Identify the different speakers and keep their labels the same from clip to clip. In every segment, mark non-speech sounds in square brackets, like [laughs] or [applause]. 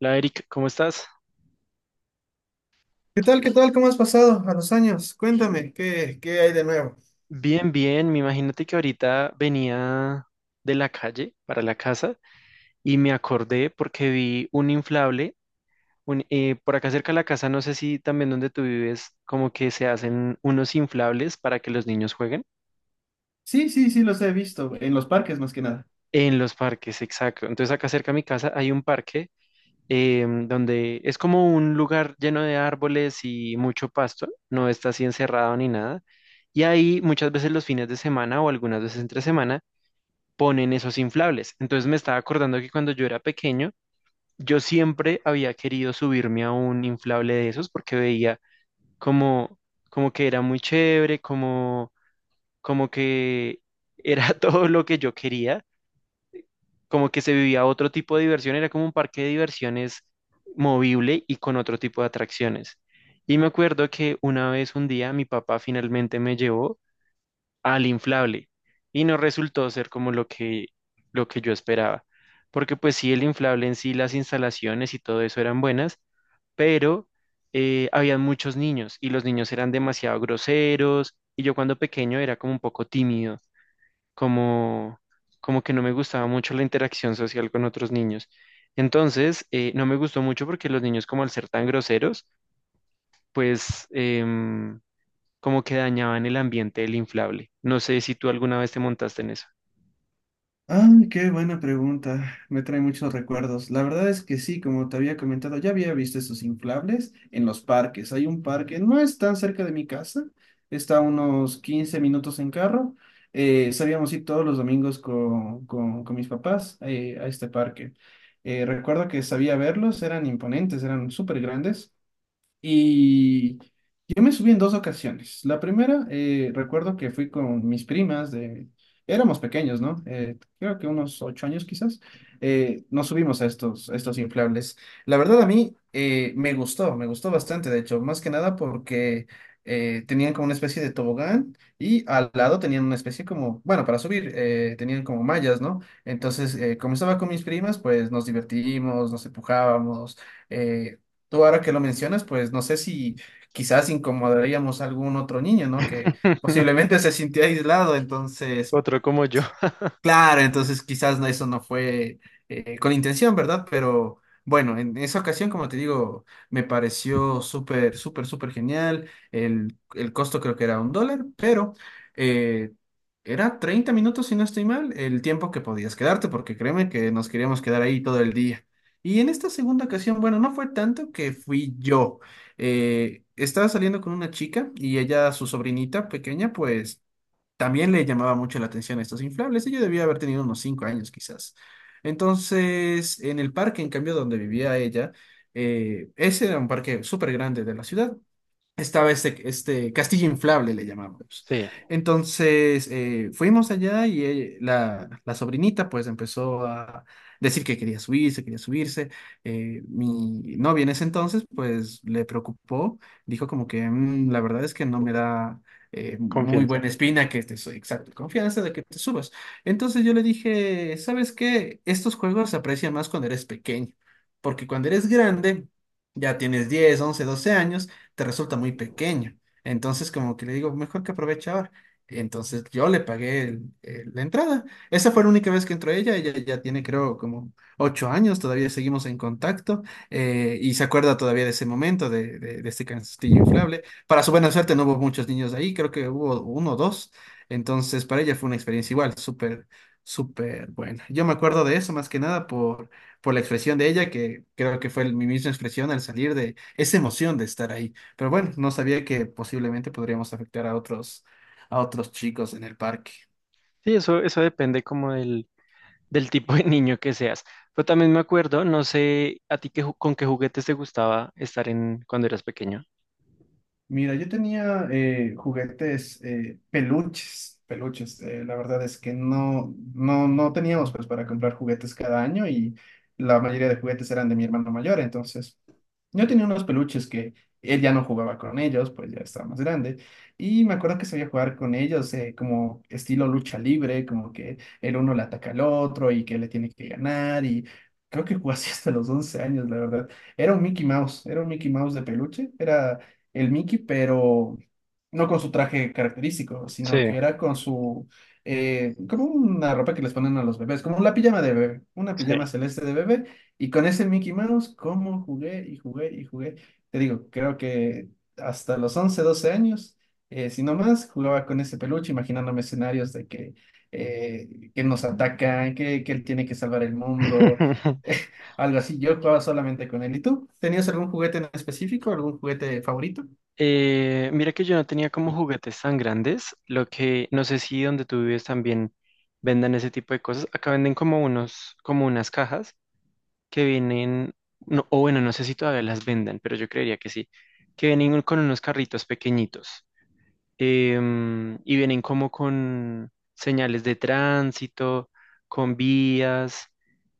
Speaker 1: Hola Eric, ¿cómo estás?
Speaker 2: ¿Qué tal? ¿Qué tal? ¿Cómo has pasado a los años? Cuéntame, ¿qué hay de nuevo?
Speaker 1: Bien, bien. Me imagínate que ahorita venía de la calle para la casa y me acordé porque vi un inflable. Por acá cerca de la casa, no sé si también donde tú vives, como que se hacen unos inflables para que los niños jueguen
Speaker 2: Sí, sí, sí, los he visto, en los parques más que nada.
Speaker 1: en los parques, exacto. Entonces acá cerca de mi casa hay un parque, donde es como un lugar lleno de árboles y mucho pasto, no está así encerrado ni nada. Y ahí muchas veces los fines de semana o algunas veces entre semana ponen esos inflables. Entonces me estaba acordando que cuando yo era pequeño, yo siempre había querido subirme a un inflable de esos porque veía como, como que era muy chévere, como, como que era [laughs] todo lo que yo quería, como que se vivía otro tipo de diversión, era como un parque de diversiones movible y con otro tipo de atracciones. Y me acuerdo que una vez, un día, mi papá finalmente me llevó al inflable y no resultó ser como lo que yo esperaba, porque pues sí, el inflable en sí, las instalaciones y todo eso eran buenas, pero habían muchos niños y los niños eran demasiado groseros y yo cuando pequeño era como un poco tímido, como, como que no me gustaba mucho la interacción social con otros niños. Entonces, no me gustó mucho porque los niños como al ser tan groseros, pues... em, como que dañaban el ambiente del inflable. No sé si tú alguna vez te montaste en eso.
Speaker 2: Ah, qué buena pregunta. Me trae muchos recuerdos. La verdad es que sí, como te había comentado, ya había visto esos inflables en los parques. Hay un parque, no es tan cerca de mi casa, está a unos 15 minutos en carro. Solíamos ir todos los domingos con, con mis papás, a este parque. Recuerdo que sabía verlos, eran imponentes, eran súper grandes. Y yo me subí en dos ocasiones. La primera, recuerdo que fui con mis primas Éramos pequeños, ¿no? Creo que unos 8 años quizás. Nos subimos a estos inflables. La verdad a mí, me gustó bastante, de hecho, más que nada porque, tenían como una especie de tobogán y al lado tenían una especie como, bueno, para subir, tenían como mallas, ¿no? Entonces, como estaba con mis primas, pues nos divertimos, nos empujábamos. eh, Tú ahora que lo mencionas, pues no sé si quizás incomodaríamos a algún otro niño, ¿no? Que
Speaker 1: [laughs]
Speaker 2: posiblemente se sintiera aislado. Entonces
Speaker 1: Otro como yo.
Speaker 2: claro, entonces quizás no- eso no fue, con intención, ¿verdad? Pero bueno, en esa ocasión, como te digo, me pareció súper, súper, súper genial. El costo creo que era un dólar, pero, eh, era 30 minutos, si no estoy mal, el tiempo que podías quedarte, porque créeme que nos queríamos quedar ahí todo el día. Y en esta segunda ocasión, bueno, no fue tanto que fui yo. Estaba saliendo con una chica y ella, su sobrinita pequeña, pues también le llamaba mucho la atención a estos inflables. Ella debía haber tenido unos 5 años quizás. Entonces, en el parque, en cambio, donde vivía ella, ese era un parque súper grande de la ciudad. Estaba este castillo inflable, le llamábamos.
Speaker 1: Sí,
Speaker 2: Entonces, fuimos allá y, la sobrinita pues empezó a decir que quería subirse, quería subirse. Mi novia en ese entonces pues le preocupó, dijo como que: La verdad es que no me da, muy
Speaker 1: confianza.
Speaker 2: buena espina que te soy exacto, confianza de que te subas." Entonces yo le dije: "¿Sabes qué? Estos juegos se aprecian más cuando eres pequeño, porque cuando eres grande, ya tienes 10, 11, 12 años, te resulta muy pequeño." Entonces, como que le digo, mejor que aproveche ahora. Entonces, yo le pagué la entrada. Esa fue la única vez que entró ella. Ella ya tiene, creo, como 8 años. Todavía seguimos en contacto. Y se acuerda todavía de ese momento, de este castillo inflable. Para su buena suerte, no hubo muchos niños ahí. Creo que hubo uno o dos. Entonces, para ella fue una experiencia igual, súper, súper buena. Yo me acuerdo de eso más que nada por por la expresión de ella, que creo que fue mi misma expresión al salir de esa emoción de estar ahí. Pero bueno, no sabía que posiblemente podríamos afectar a otros chicos en el parque.
Speaker 1: Sí, eso depende como del, del tipo de niño que seas. Pero también me acuerdo, no sé a ti qué, con qué juguetes te gustaba estar en cuando eras pequeño.
Speaker 2: Mira, yo tenía, juguetes, peluches, peluches. La verdad es que no, no, no teníamos pues para comprar juguetes cada año, y la mayoría de juguetes eran de mi hermano mayor. Entonces, yo tenía unos peluches que él ya no jugaba con ellos, pues ya estaba más grande. Y me acuerdo que sabía jugar con ellos, como estilo lucha libre, como que el uno le ataca al otro y que le tiene que ganar. Y creo que jugué así hasta los 11 años, la verdad. Era un Mickey Mouse, era un Mickey Mouse de peluche, era el Mickey, pero no con su traje característico,
Speaker 1: Sí,
Speaker 2: sino que era con su, como una ropa que les ponen a los bebés, como la pijama de bebé, una
Speaker 1: sí.
Speaker 2: pijama celeste de bebé, y con ese Mickey Mouse, como jugué y jugué y jugué. Te digo, creo que hasta los 11, 12 años, si no más, jugaba con ese peluche, imaginándome escenarios de que nos atacan, que él tiene que salvar el mundo.
Speaker 1: [laughs]
Speaker 2: [laughs] Algo así, yo jugaba solamente con él. ¿Y tú? ¿Tenías algún juguete en específico, algún juguete favorito?
Speaker 1: Mira que yo no tenía como juguetes tan grandes, lo que no sé si donde tú vives también vendan ese tipo de cosas. Acá venden como unos, como unas cajas. Que vienen, no, o bueno, no sé si todavía las vendan, pero yo creería que sí, que vienen con unos carritos pequeñitos, y vienen como con señales de tránsito, con vías.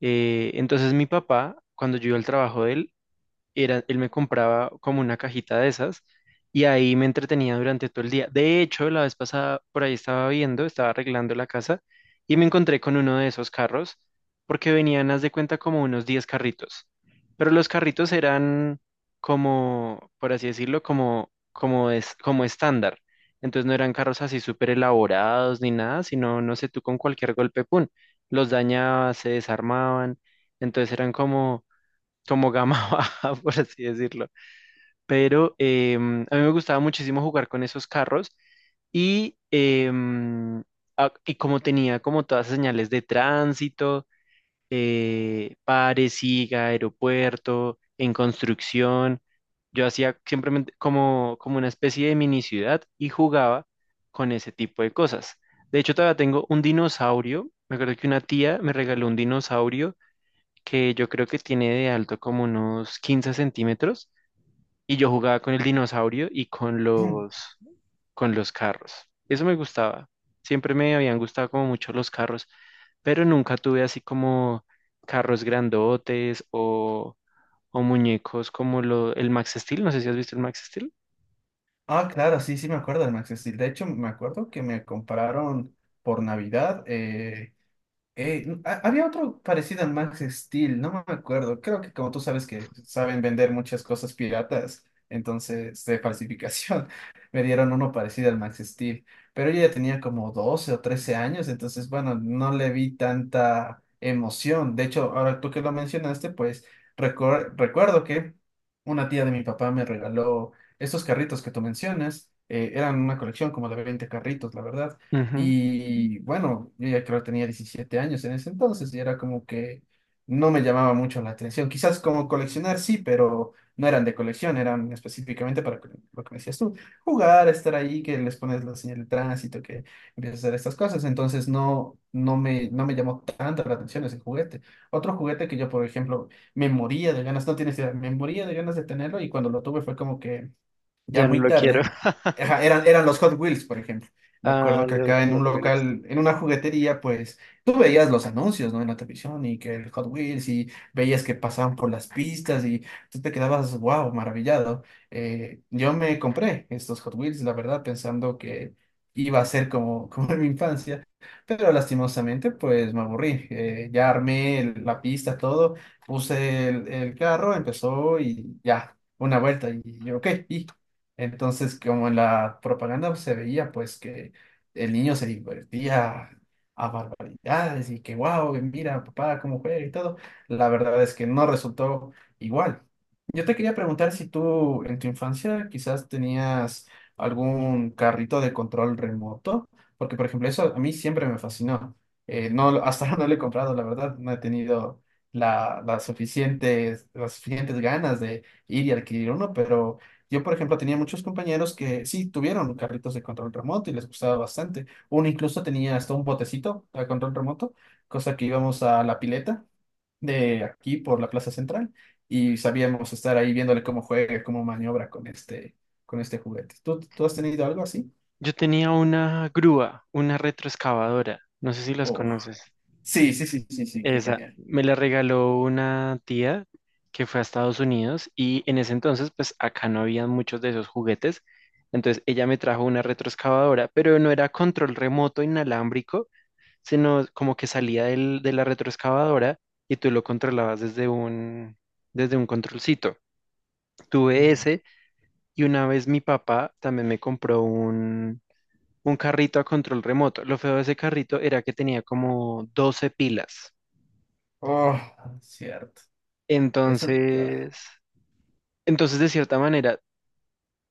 Speaker 1: Entonces mi papá, cuando yo iba al trabajo de él, era, él me compraba como una cajita de esas y ahí me entretenía durante todo el día. De hecho, la vez pasada por ahí estaba viendo, estaba arreglando la casa y me encontré con uno de esos carros porque venían, haz de cuenta, como unos 10 carritos. Pero los carritos eran como, por así decirlo, como, como, es, como estándar. Entonces no eran carros así súper elaborados ni nada, sino, no sé, tú con cualquier golpe, ¡pum! Los dañabas, se desarmaban. Entonces eran como como gama [laughs] baja, por así decirlo. Pero a mí me gustaba muchísimo jugar con esos carros y, y como tenía como todas las señales de tránsito, pare, siga, aeropuerto, en construcción, yo hacía simplemente como, como una especie de mini ciudad y jugaba con ese tipo de cosas. De hecho, todavía tengo un dinosaurio. Me acuerdo que una tía me regaló un dinosaurio que yo creo que tiene de alto como unos 15 centímetros y yo jugaba con el dinosaurio y con los carros. Eso me gustaba. Siempre me habían gustado como mucho los carros, pero nunca tuve así como carros grandotes o muñecos como lo, el Max Steel. No sé si has visto el Max Steel.
Speaker 2: Ah, claro, sí, sí me acuerdo del Max Steel. De hecho, me acuerdo que me compraron por Navidad, había otro parecido al Max Steel, no me acuerdo. Creo que como tú sabes que saben vender muchas cosas piratas, entonces de falsificación, [laughs] me dieron uno parecido al Max Steel. Pero yo ya tenía como 12 o 13 años, entonces bueno, no le vi tanta emoción. De hecho, ahora tú que lo mencionaste, pues recuerdo que una tía de mi papá me regaló estos carritos que tú mencionas. Eran una colección como de 20 carritos, la verdad.
Speaker 1: Ujú.
Speaker 2: Y bueno, yo ya creo que tenía 17 años en ese entonces y era como que no me llamaba mucho la atención. Quizás como coleccionar sí, pero no eran de colección, eran específicamente para lo que me decías tú, jugar, estar ahí, que les pones la señal de tránsito, que empiezas a hacer estas cosas. Entonces no, no me llamó tanto la atención ese juguete. Otro juguete que yo, por ejemplo, me moría de ganas, no tienes idea, me moría de ganas de tenerlo, y cuando lo tuve fue como que ya
Speaker 1: Ya no
Speaker 2: muy
Speaker 1: lo quiero.
Speaker 2: tarde,
Speaker 1: [laughs]
Speaker 2: ajá, eran los Hot Wheels, por ejemplo. Me
Speaker 1: Ah,
Speaker 2: acuerdo que
Speaker 1: los
Speaker 2: acá en
Speaker 1: Hot
Speaker 2: un
Speaker 1: Wheels.
Speaker 2: local, en una juguetería, pues tú veías los anuncios, ¿no? En la televisión, y que el Hot Wheels, y veías que pasaban por las pistas y tú te quedabas, wow, maravillado. Yo me compré estos Hot Wheels, la verdad, pensando que iba a ser como, [laughs] como en mi infancia, pero lastimosamente, pues me aburrí. Ya armé la pista, todo, puse el carro, empezó y ya, una vuelta y yo, ok, y entonces, como en la propaganda se veía, pues que el niño se divertía a barbaridades y que, wow, mira, papá, cómo juega y todo, la verdad es que no resultó igual. Yo te quería preguntar si tú en tu infancia quizás tenías algún carrito de control remoto, porque por ejemplo eso a mí siempre me fascinó. No, hasta [laughs] ahora no lo he comprado, la verdad, no he tenido las suficientes ganas de ir y adquirir uno, pero yo por ejemplo tenía muchos compañeros que sí tuvieron carritos de control remoto y les gustaba bastante. Uno incluso tenía hasta un botecito de control remoto, cosa que íbamos a la pileta de aquí por la Plaza Central y sabíamos estar ahí viéndole cómo juega, cómo maniobra con este juguete. ¿Tú has tenido algo así?
Speaker 1: Yo tenía una grúa, una retroexcavadora. No sé si las
Speaker 2: Oh,
Speaker 1: conoces.
Speaker 2: sí, sí, sí, sí, sí, qué
Speaker 1: Esa
Speaker 2: genial.
Speaker 1: me la regaló una tía que fue a Estados Unidos y en ese entonces pues acá no había muchos de esos juguetes. Entonces ella me trajo una retroexcavadora, pero no era control remoto inalámbrico, sino como que salía de la retroexcavadora y tú lo controlabas desde un controlcito. Tuve
Speaker 2: Ya.
Speaker 1: ese y una vez mi papá también me compró un carrito a control remoto. Lo feo de ese carrito era que tenía como 12 pilas.
Speaker 2: Oh, cierto. Eso.
Speaker 1: Entonces, entonces, de cierta manera,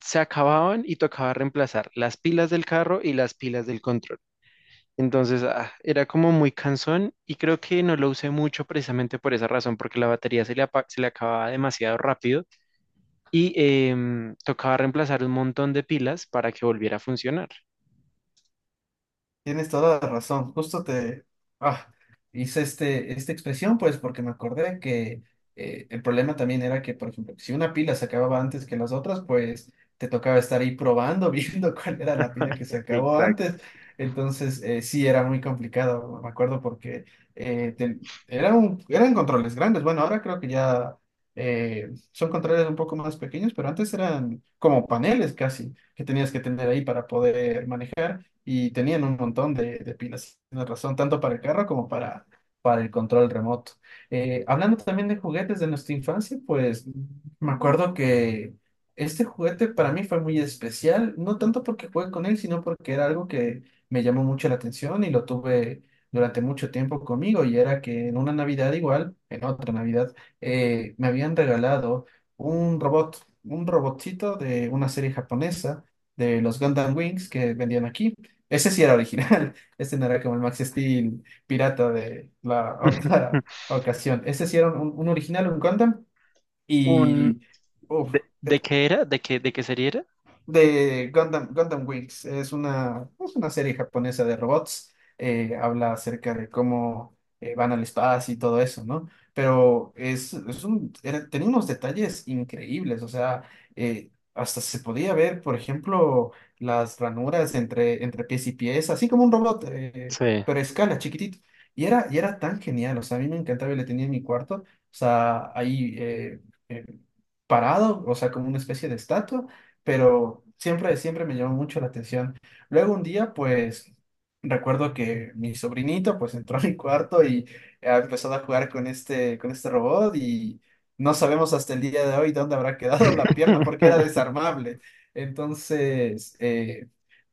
Speaker 1: se acababan y tocaba reemplazar las pilas del carro y las pilas del control. Entonces, ah, era como muy cansón y creo que no lo usé mucho precisamente por esa razón, porque la batería se le, se le acababa demasiado rápido y, tocaba reemplazar un montón de pilas para que volviera a funcionar.
Speaker 2: Tienes toda la razón. Justo te, ah, hice esta expresión, pues, porque me acordé que, el problema también era que, por ejemplo, si una pila se acababa antes que las otras, pues te tocaba estar ahí probando, [laughs] viendo cuál era la pila que se acabó
Speaker 1: Exacto.
Speaker 2: antes. Entonces, sí, era muy complicado, me acuerdo, porque eh, te- eran controles grandes. Bueno, ahora creo que ya, son controles un poco más pequeños, pero antes eran como paneles casi que tenías que tener ahí para poder manejar, y tenían un montón de pilas, tienes razón, tanto para el carro como para el control remoto. Hablando también de juguetes de nuestra infancia, pues me acuerdo que este juguete para mí fue muy especial, no tanto porque jugué con él, sino porque era algo que me llamó mucho la atención y lo tuve durante mucho tiempo conmigo, y era que en una Navidad igual, en otra Navidad, me habían regalado un robot, un robotcito de una serie japonesa de los Gundam Wings que vendían aquí. Ese sí era original. [laughs] Ese no era como el Max Steel pirata de la [laughs] otra
Speaker 1: [laughs]
Speaker 2: ocasión. Ese sí era un original, un Gundam.
Speaker 1: Un,
Speaker 2: Y. Uf.
Speaker 1: de qué era? De qué serie era?
Speaker 2: De Gundam Wings. Es una serie japonesa de robots. Habla acerca de cómo, van al espacio y todo eso, ¿no? Pero tenía unos detalles increíbles. O sea, hasta se podía ver, por ejemplo, las ranuras entre pies y pies, así como un robot,
Speaker 1: Sí.
Speaker 2: pero a escala, chiquitito. Y era tan genial. O sea, a mí me encantaba y le tenía en mi cuarto. O sea, ahí, eh, parado, o sea, como una especie de estatua, pero siempre, siempre me llamó mucho la atención. Luego un día, pues, recuerdo que mi sobrinito, pues, entró a mi cuarto y ha empezado a jugar con este robot, y no sabemos hasta el día de hoy dónde habrá quedado la pierna porque era
Speaker 1: [laughs]
Speaker 2: desarmable. Entonces,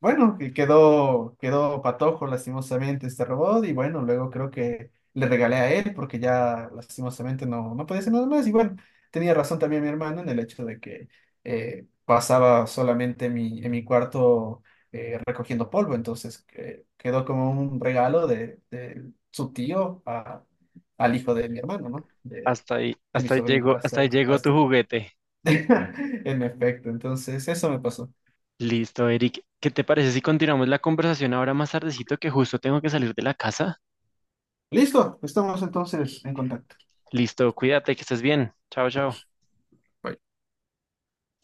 Speaker 2: bueno, que quedó patojo lastimosamente este robot, y bueno, luego creo que le regalé a él porque ya lastimosamente no podía hacer nada más, y bueno, tenía razón también mi hermano en el hecho de que... eh, pasaba solamente en mi cuarto, recogiendo polvo, entonces quedó como un regalo de su tío al hijo de mi hermano, ¿no? De, de mi sobrino, hasta
Speaker 1: Hasta ahí
Speaker 2: ahí,
Speaker 1: llegó tu
Speaker 2: hasta
Speaker 1: juguete.
Speaker 2: [laughs] en efecto, entonces eso me pasó.
Speaker 1: Listo, Eric. ¿Qué te parece si continuamos la conversación ahora más tardecito que justo tengo que salir de la casa?
Speaker 2: Listo, estamos entonces en contacto.
Speaker 1: Listo, cuídate, que estés bien. Chao, chao.